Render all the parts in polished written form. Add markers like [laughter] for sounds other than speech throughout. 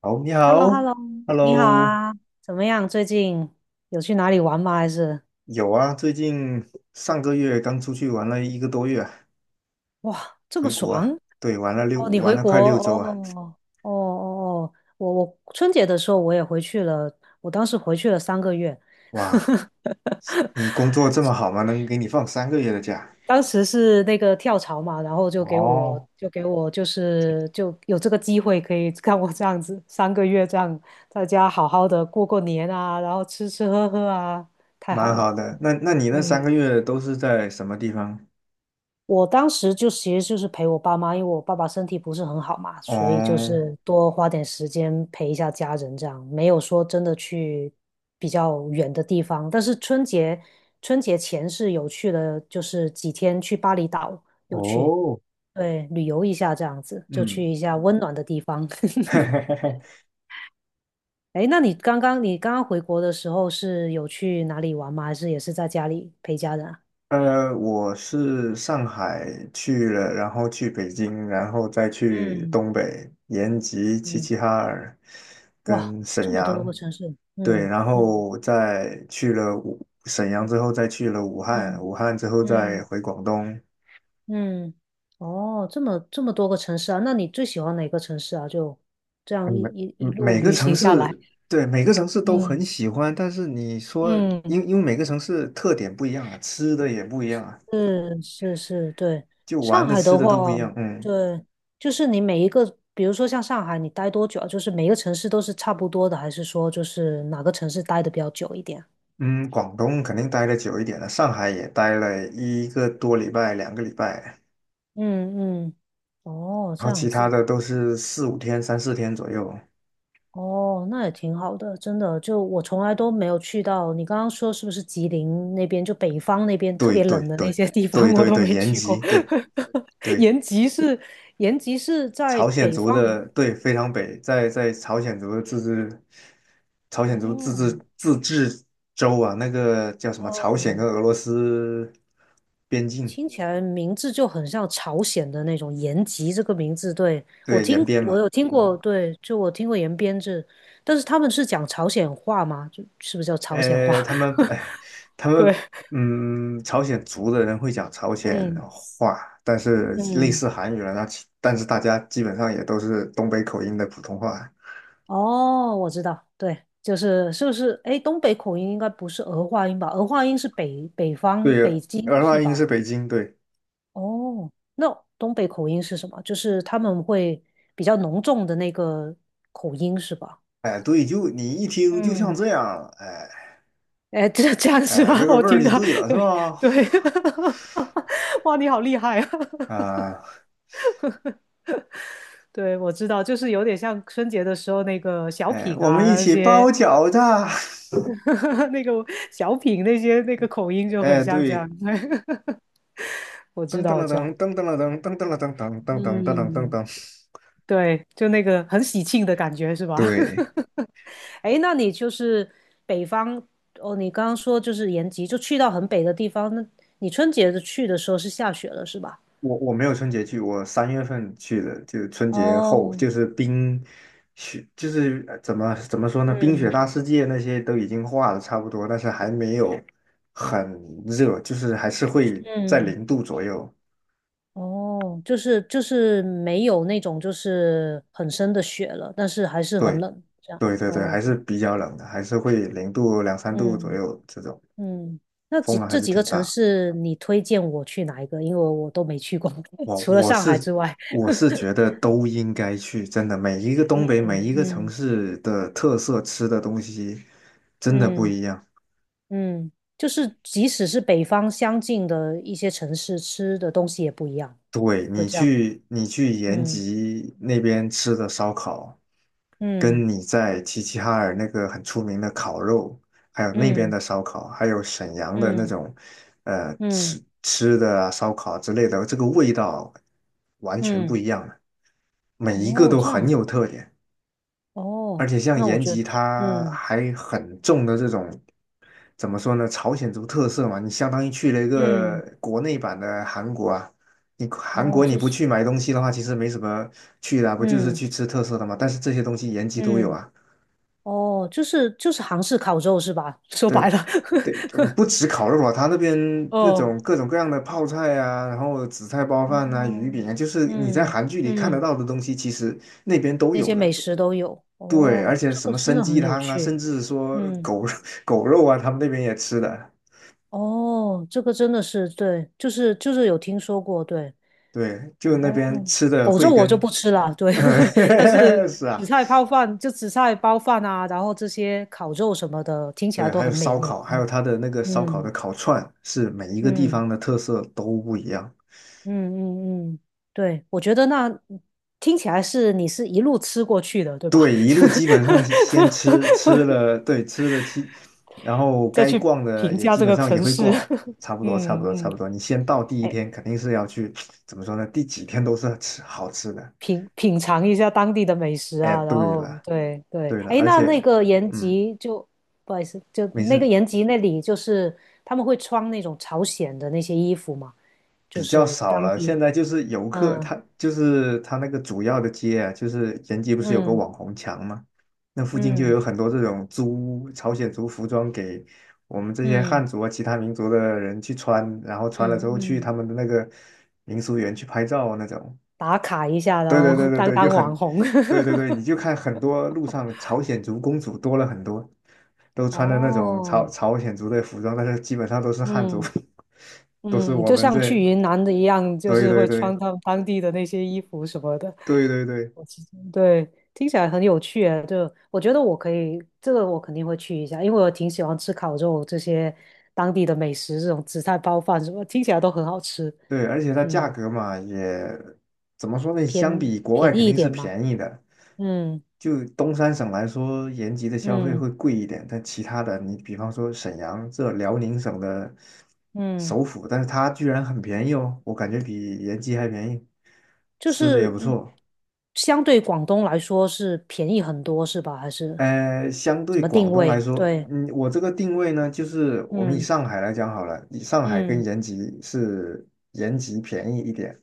好，你 h e l l o h 好 e l l o 你好，Hello。啊，怎么样？最近有去哪里玩吗？还是。有啊，最近上个月刚出去玩了一个多月啊，哇，这么回国啊。爽对，哦！你玩回了国快6周啊。哦哦哦哦，我春节的时候我也回去了，我当时回去了三个月。哇，你工 [laughs] 作这么好吗？能给你放三个月的假？当时是那个跳槽嘛，然后就给我哦，就给我就是就有这个机会可以看我这样子三个月这样在家好好的过过年啊，然后吃吃喝喝啊，太蛮好了，好的。那你那三个嗯。月都是在什么地方？我当时就其实就是陪我爸妈，因为我爸爸身体不是很好嘛，所以就哦，是多花点时间陪一下家人，这样没有说真的去比较远的地方。但是春节前是有去了，就是几天去巴厘岛，有去，哦，对，旅游一下这样子，就去嗯。一下温暖的地方。[laughs] [laughs] 哎那你刚刚回国的时候是有去哪里玩吗？还是也是在家里陪家人啊？我是上海去了，然后去北京，然后再去嗯东北延吉、齐嗯，齐哈尔哇，跟这沈么多阳。个城市，对，嗯然嗯后再去了沈阳之后，再去了武汉，嗯武汉之后再嗯回广东。嗯，哦，这么多个城市啊，那你最喜欢哪个城市啊？就这嗯样一每一一路每个旅城行下来，市，对，每个城市都很嗯喜欢，但是你说，嗯，因每个城市特点不一样啊，吃的也不一样啊，是是是，对。就玩上的海吃的的都不一话，样，嗯。对，就是你每一个，比如说像上海，你待多久啊？就是每个城市都是差不多的，还是说就是哪个城市待的比较久一点？嗯，广东肯定待的久一点了，上海也待了一个多礼拜、2个礼拜，嗯嗯，哦，然这后样其他子。的都是4、5天、3、4天左右。哦，那也挺好的，真的。就我从来都没有去到，你刚刚说是不是吉林那边，就北方那边特对别对冷的那对些地方，对我对都对，没延去过。吉，对 [laughs] 对，延吉是延吉是在朝鲜北族方，的，对，非常北，在朝鲜族的自治，朝鲜族自治哦自治州啊，那个叫什么？朝哦，鲜跟俄罗斯边境，听起来名字就很像朝鲜的那种延吉这个名字。对，我对，延听边我嘛。有听过，对，就我听过延边这，但是他们是讲朝鲜话吗？就是不是叫朝鲜话？他们，[laughs] 哎，他对，们，朝鲜族的人会讲朝鲜嗯话，但是类嗯。似韩语了，但是大家基本上也都是东北口音的普通话。哦，我知道，对，就是是不是？哎，东北口音应该不是儿化音吧？儿化音是北方对，北京儿化是音是吧？北京，对。哦，那东北口音是什么？就是他们会比较浓重的那个口音是吧？哎，对，就你一听就像嗯，这样，哎，哎，这这样是吧？这 [laughs] 个我味儿听就到，对了，是吧？对对，[laughs] 哇，你好厉害啊！啊，[laughs] 对，我知道，就是有点像春节的时候那个小哎，品我们啊，一那起包些 饺子。[laughs] 那个小品那些那个口音 [laughs] 就很哎，像这样。对，[laughs] 我知噔噔道，我了知道。噔，噔噔了噔，噔噔了噔噔噔噔噔噔嗯，噔，对，就那个很喜庆的感觉是吧？[laughs] 对。哎那你就是北方哦，你刚刚说就是延吉，就去到很北的地方，那你春节的去的时候是下雪了是吧？我没有春节去，我3月份去的，就是春节后，哦，就是冰雪，就是怎么说呢，冰雪嗯大世界那些都已经化的差不多，但是还没有很热，就是还是会在嗯，零度左右。哦，就是没有那种就是很深的雪了，但是还是很对冷，这样。对对对，哦，还是比较冷的，还是会零度2、3度左嗯右这种，嗯，那几风还这是几个挺城大。市你推荐我去哪一个？因为我都没去过，[laughs] 我除了我上海是之外。我是觉得都应该去，真的，嗯每一个城嗯。市的特色吃的东西真的不嗯一样。嗯，就是即使是北方相近的一些城市，吃的东西也不一样，对，会这样的。你去延嗯吉那边吃的烧烤，嗯跟你在齐齐哈尔那个很出名的烤肉，还有那边嗯的烧烤，还有沈阳的那嗯种，嗯吃的啊烧烤之类的，这个味道完全不嗯，一样的，每一个哦，都这很样，有特点。而哦，且像那我延觉得，吉，它嗯还很重的这种，怎么说呢？朝鲜族特色嘛，你相当于去了一个嗯，国内版的韩国啊。你韩哦，国你就不是，去买东西的话，其实没什么去的啊不就是嗯去吃特色的嘛？但是这些东西延吉都有嗯，啊。哦，就是韩式烤肉是吧？[laughs] 说白对了，[laughs] 对，不止烤肉啊，他那边那哦种各种各样的泡菜啊，然后紫菜包饭啊、鱼哦，饼啊，就是你在嗯韩剧里看得嗯，到的东西，其实那边都那些有美的。食都有，对，而哦，且这什个么真参的鸡很有汤啊，甚趣。至说嗯。狗 [laughs] 狗肉啊，他们那边也吃的。哦，这个真的是对，就是有听说过，对。对，就那边哦，吃的狗肉慧我就根。不吃了，[laughs] 对。[laughs] 但是嗯，是紫啊。菜泡饭，就紫菜包饭啊，然后这些烤肉什么的，听起来对，都还有很美烧味。烤，还嗯有他的那个烧烤的嗯烤串，是每一个地嗯方的特色都不一样。嗯嗯嗯，对，我觉得那听起来是你是一路吃过去的，对吧？对，一路基本上先吃 [laughs] 吃了，对，吃了七，然后再该去逛的评也价基这本个上也城会市。逛，差 [laughs] 不多，差不嗯多，差嗯，不多。你先到第一哎，天肯定是要去，[tsk] 怎么说呢？第几天都是吃好吃的。品尝一下当地的美食哎，啊，然对后了。对对，对了，哎，而那那且，个延嗯，吉就不好意思，就没那个事。延吉那里就是他们会穿那种朝鲜的那些衣服嘛，就比较是少当了。现地，在就是游客，嗯他就是他那个主要的街啊，就是延吉不是有个嗯网红墙吗？那附近就嗯有很多这种租朝鲜族服装给我们这些嗯汉族啊、其他民族的人去穿，然后穿了之嗯后去嗯，他们的那个民俗园去拍照啊那种。打卡一下，然对后 对 [laughs] 对对当对，就当网很，红，对对对，你就看很多路上朝鲜族公主多了很多，都 [laughs] 穿的那种哦，朝鲜族的服装，但是基本上都是汉族。嗯。[laughs] 都是嗯，我就们像去这，云南的一样，就对是对会穿对他们当地的那些衣服什么的。对对对。我其实对，听起来很有趣诶，就我觉得我可以，这个我肯定会去一下，因为我挺喜欢吃烤肉这些当地的美食，这种紫菜包饭什么，听起来都很好吃。对，而且它价嗯，格嘛，也怎么说呢？相偏比国外便肯宜一定是点嘛。便宜的。嗯就东三省来说，延吉的消费会嗯贵一点，但其他的，你比方说沈阳，这辽宁省的嗯，首府，但是它居然很便宜哦，我感觉比延吉还便宜，就吃的也是不嗯错。相对广东来说是便宜很多是吧？还是相怎对么广定东来位？说，对，我这个定位呢，就是我们以嗯上海来讲好了，以上海跟嗯延吉是延吉便宜一点，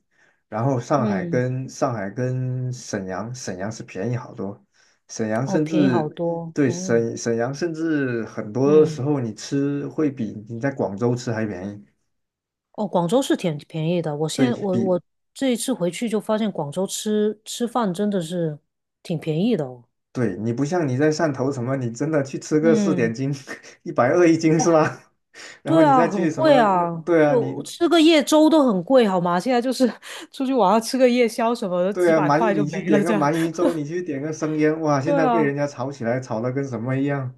然后嗯。上海跟沈阳，沈阳是便宜好多，沈阳哦，甚便宜好至多对哦，沈阳甚至很多时嗯，候你吃会比你在广州吃还便宜。哦，广州是挺便宜的。我现对在我比我这一次回去就发现广州吃吃饭真的是挺便宜的哦。对你不像你在汕头什么，你真的去吃个四点嗯，斤。[laughs] 120一斤是哦，吧？[laughs] 然后对你啊，再很去什贵么那？啊，对啊，就你吃个夜粥都很贵，好吗？现在就是 [laughs] 出去晚上吃个夜宵什么的，对几啊，百块就你去没了点个这样。鳗鱼 [laughs] 粥，你去点个生腌，哇，对现在被人啊，家炒起来，炒的跟什么一样。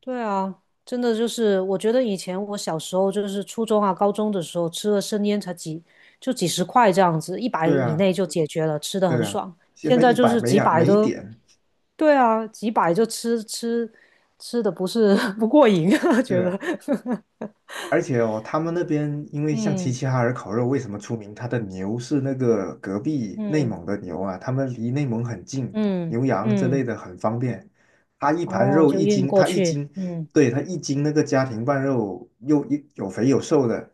对啊，真的就是，我觉得以前我小时候就是初中啊、高中的时候吃了生腌才几就几十块这样子，一百对以啊，内就解决了，吃的很对啊，爽。现现在在一就百是没几两百没一都，点。对啊，几百就吃吃吃的不是 [laughs] 不过瘾，[laughs] 觉对啊，得，[laughs] 而且哦，他们那边因为像齐嗯齐哈尔烤肉为什么出名？他的牛是那个隔壁内嗯蒙的牛啊，他们离内蒙很近，嗯牛羊之类嗯，的很方便。他一盘哦，肉就一运斤，过他一去，斤，嗯对，他一斤那个家庭拌肉又有肥有瘦的，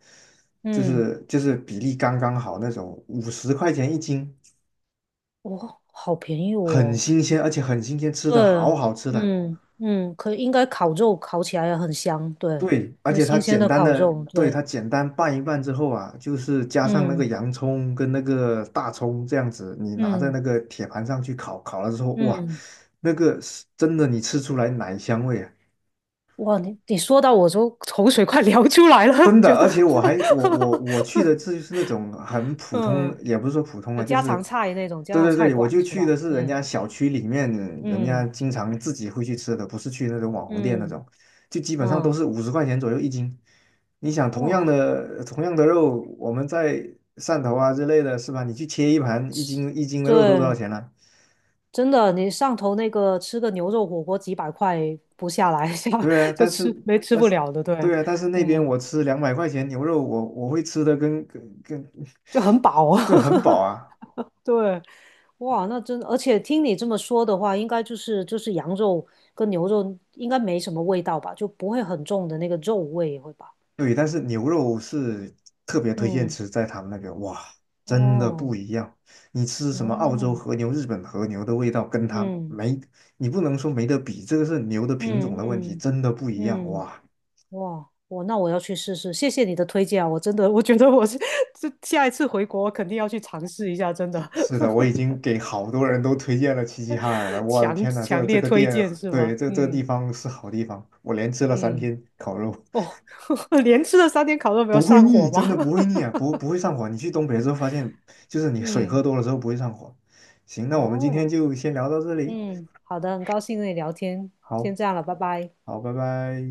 嗯，就是比例刚刚好那种，五十块钱一斤。哇，好便宜很哦。新鲜，而且很新鲜，吃对，的好好吃的。嗯嗯，可应该烤肉烤起来也很香，对，对，而有且它新鲜简的单烤的，肉，对，对，它简单拌一拌之后啊，就是加上那个嗯洋葱跟那个大葱这样子，你拿在嗯那个铁盘上去烤，烤了之后，哇，嗯，那个是真的，你吃出来奶香味啊。哇，你说到我都口水快流出来了，[laughs] 真的，觉得，而且我还我我我去的这 [laughs] 就是那种很普通，嗯，也不是说普通有啊，就家是常菜那种家对常对菜对，我馆就是去吧？的是人家嗯小区里面，人家嗯经常自己会去吃的，不是去那种网红店那嗯种，就基本上都嗯，是五十块钱左右一斤。你想哇，同样的肉，我们在汕头啊之类的，是吧？你去切一盘一斤一斤的肉都多少对，钱了？真的，你上头那个吃个牛肉火锅几百块不下来，[laughs] 下对啊，就但吃是没吃但不是了的，对，那边嗯，我吃200块钱牛肉，我会吃的跟跟跟。就很饱啊。[laughs] 对，很 [laughs] 饱啊。对，哇，那真而且听你这么说的话，应该就是羊肉跟牛肉应该没什么味道吧，就不会很重的那个肉味，会吧？对，但是牛肉是特别推荐嗯，吃在他们那边，哇，真的不哦，一样。你吃什么澳洲哦，和牛、日本和牛的味道，跟它嗯没，你不能说没得比，这个是牛的品种嗯的问题，嗯真的不一样。嗯，哇，哇，我那我要去试试，谢谢你的推荐啊，我真的我觉得我是 [laughs] 这下一次回国我肯定要去尝试一下，真的，是的，我已经给好多人都推荐了齐齐哈尔了。[laughs] 我的强天呐，强这烈个推店，荐是对，吧？这个地嗯方是好地方，我连吃了三嗯，天烤肉，哦，[laughs] 连吃了三天烤肉没有不会上火腻，吗？真的不会腻啊，不会上火。你去东北之后发现，就是 [laughs] 你水喝嗯，多了之后不会上火。行，那我们今天哦。就先聊到这里。嗯，好的，很高兴跟你聊天，先好，这样了，拜拜。好，拜拜。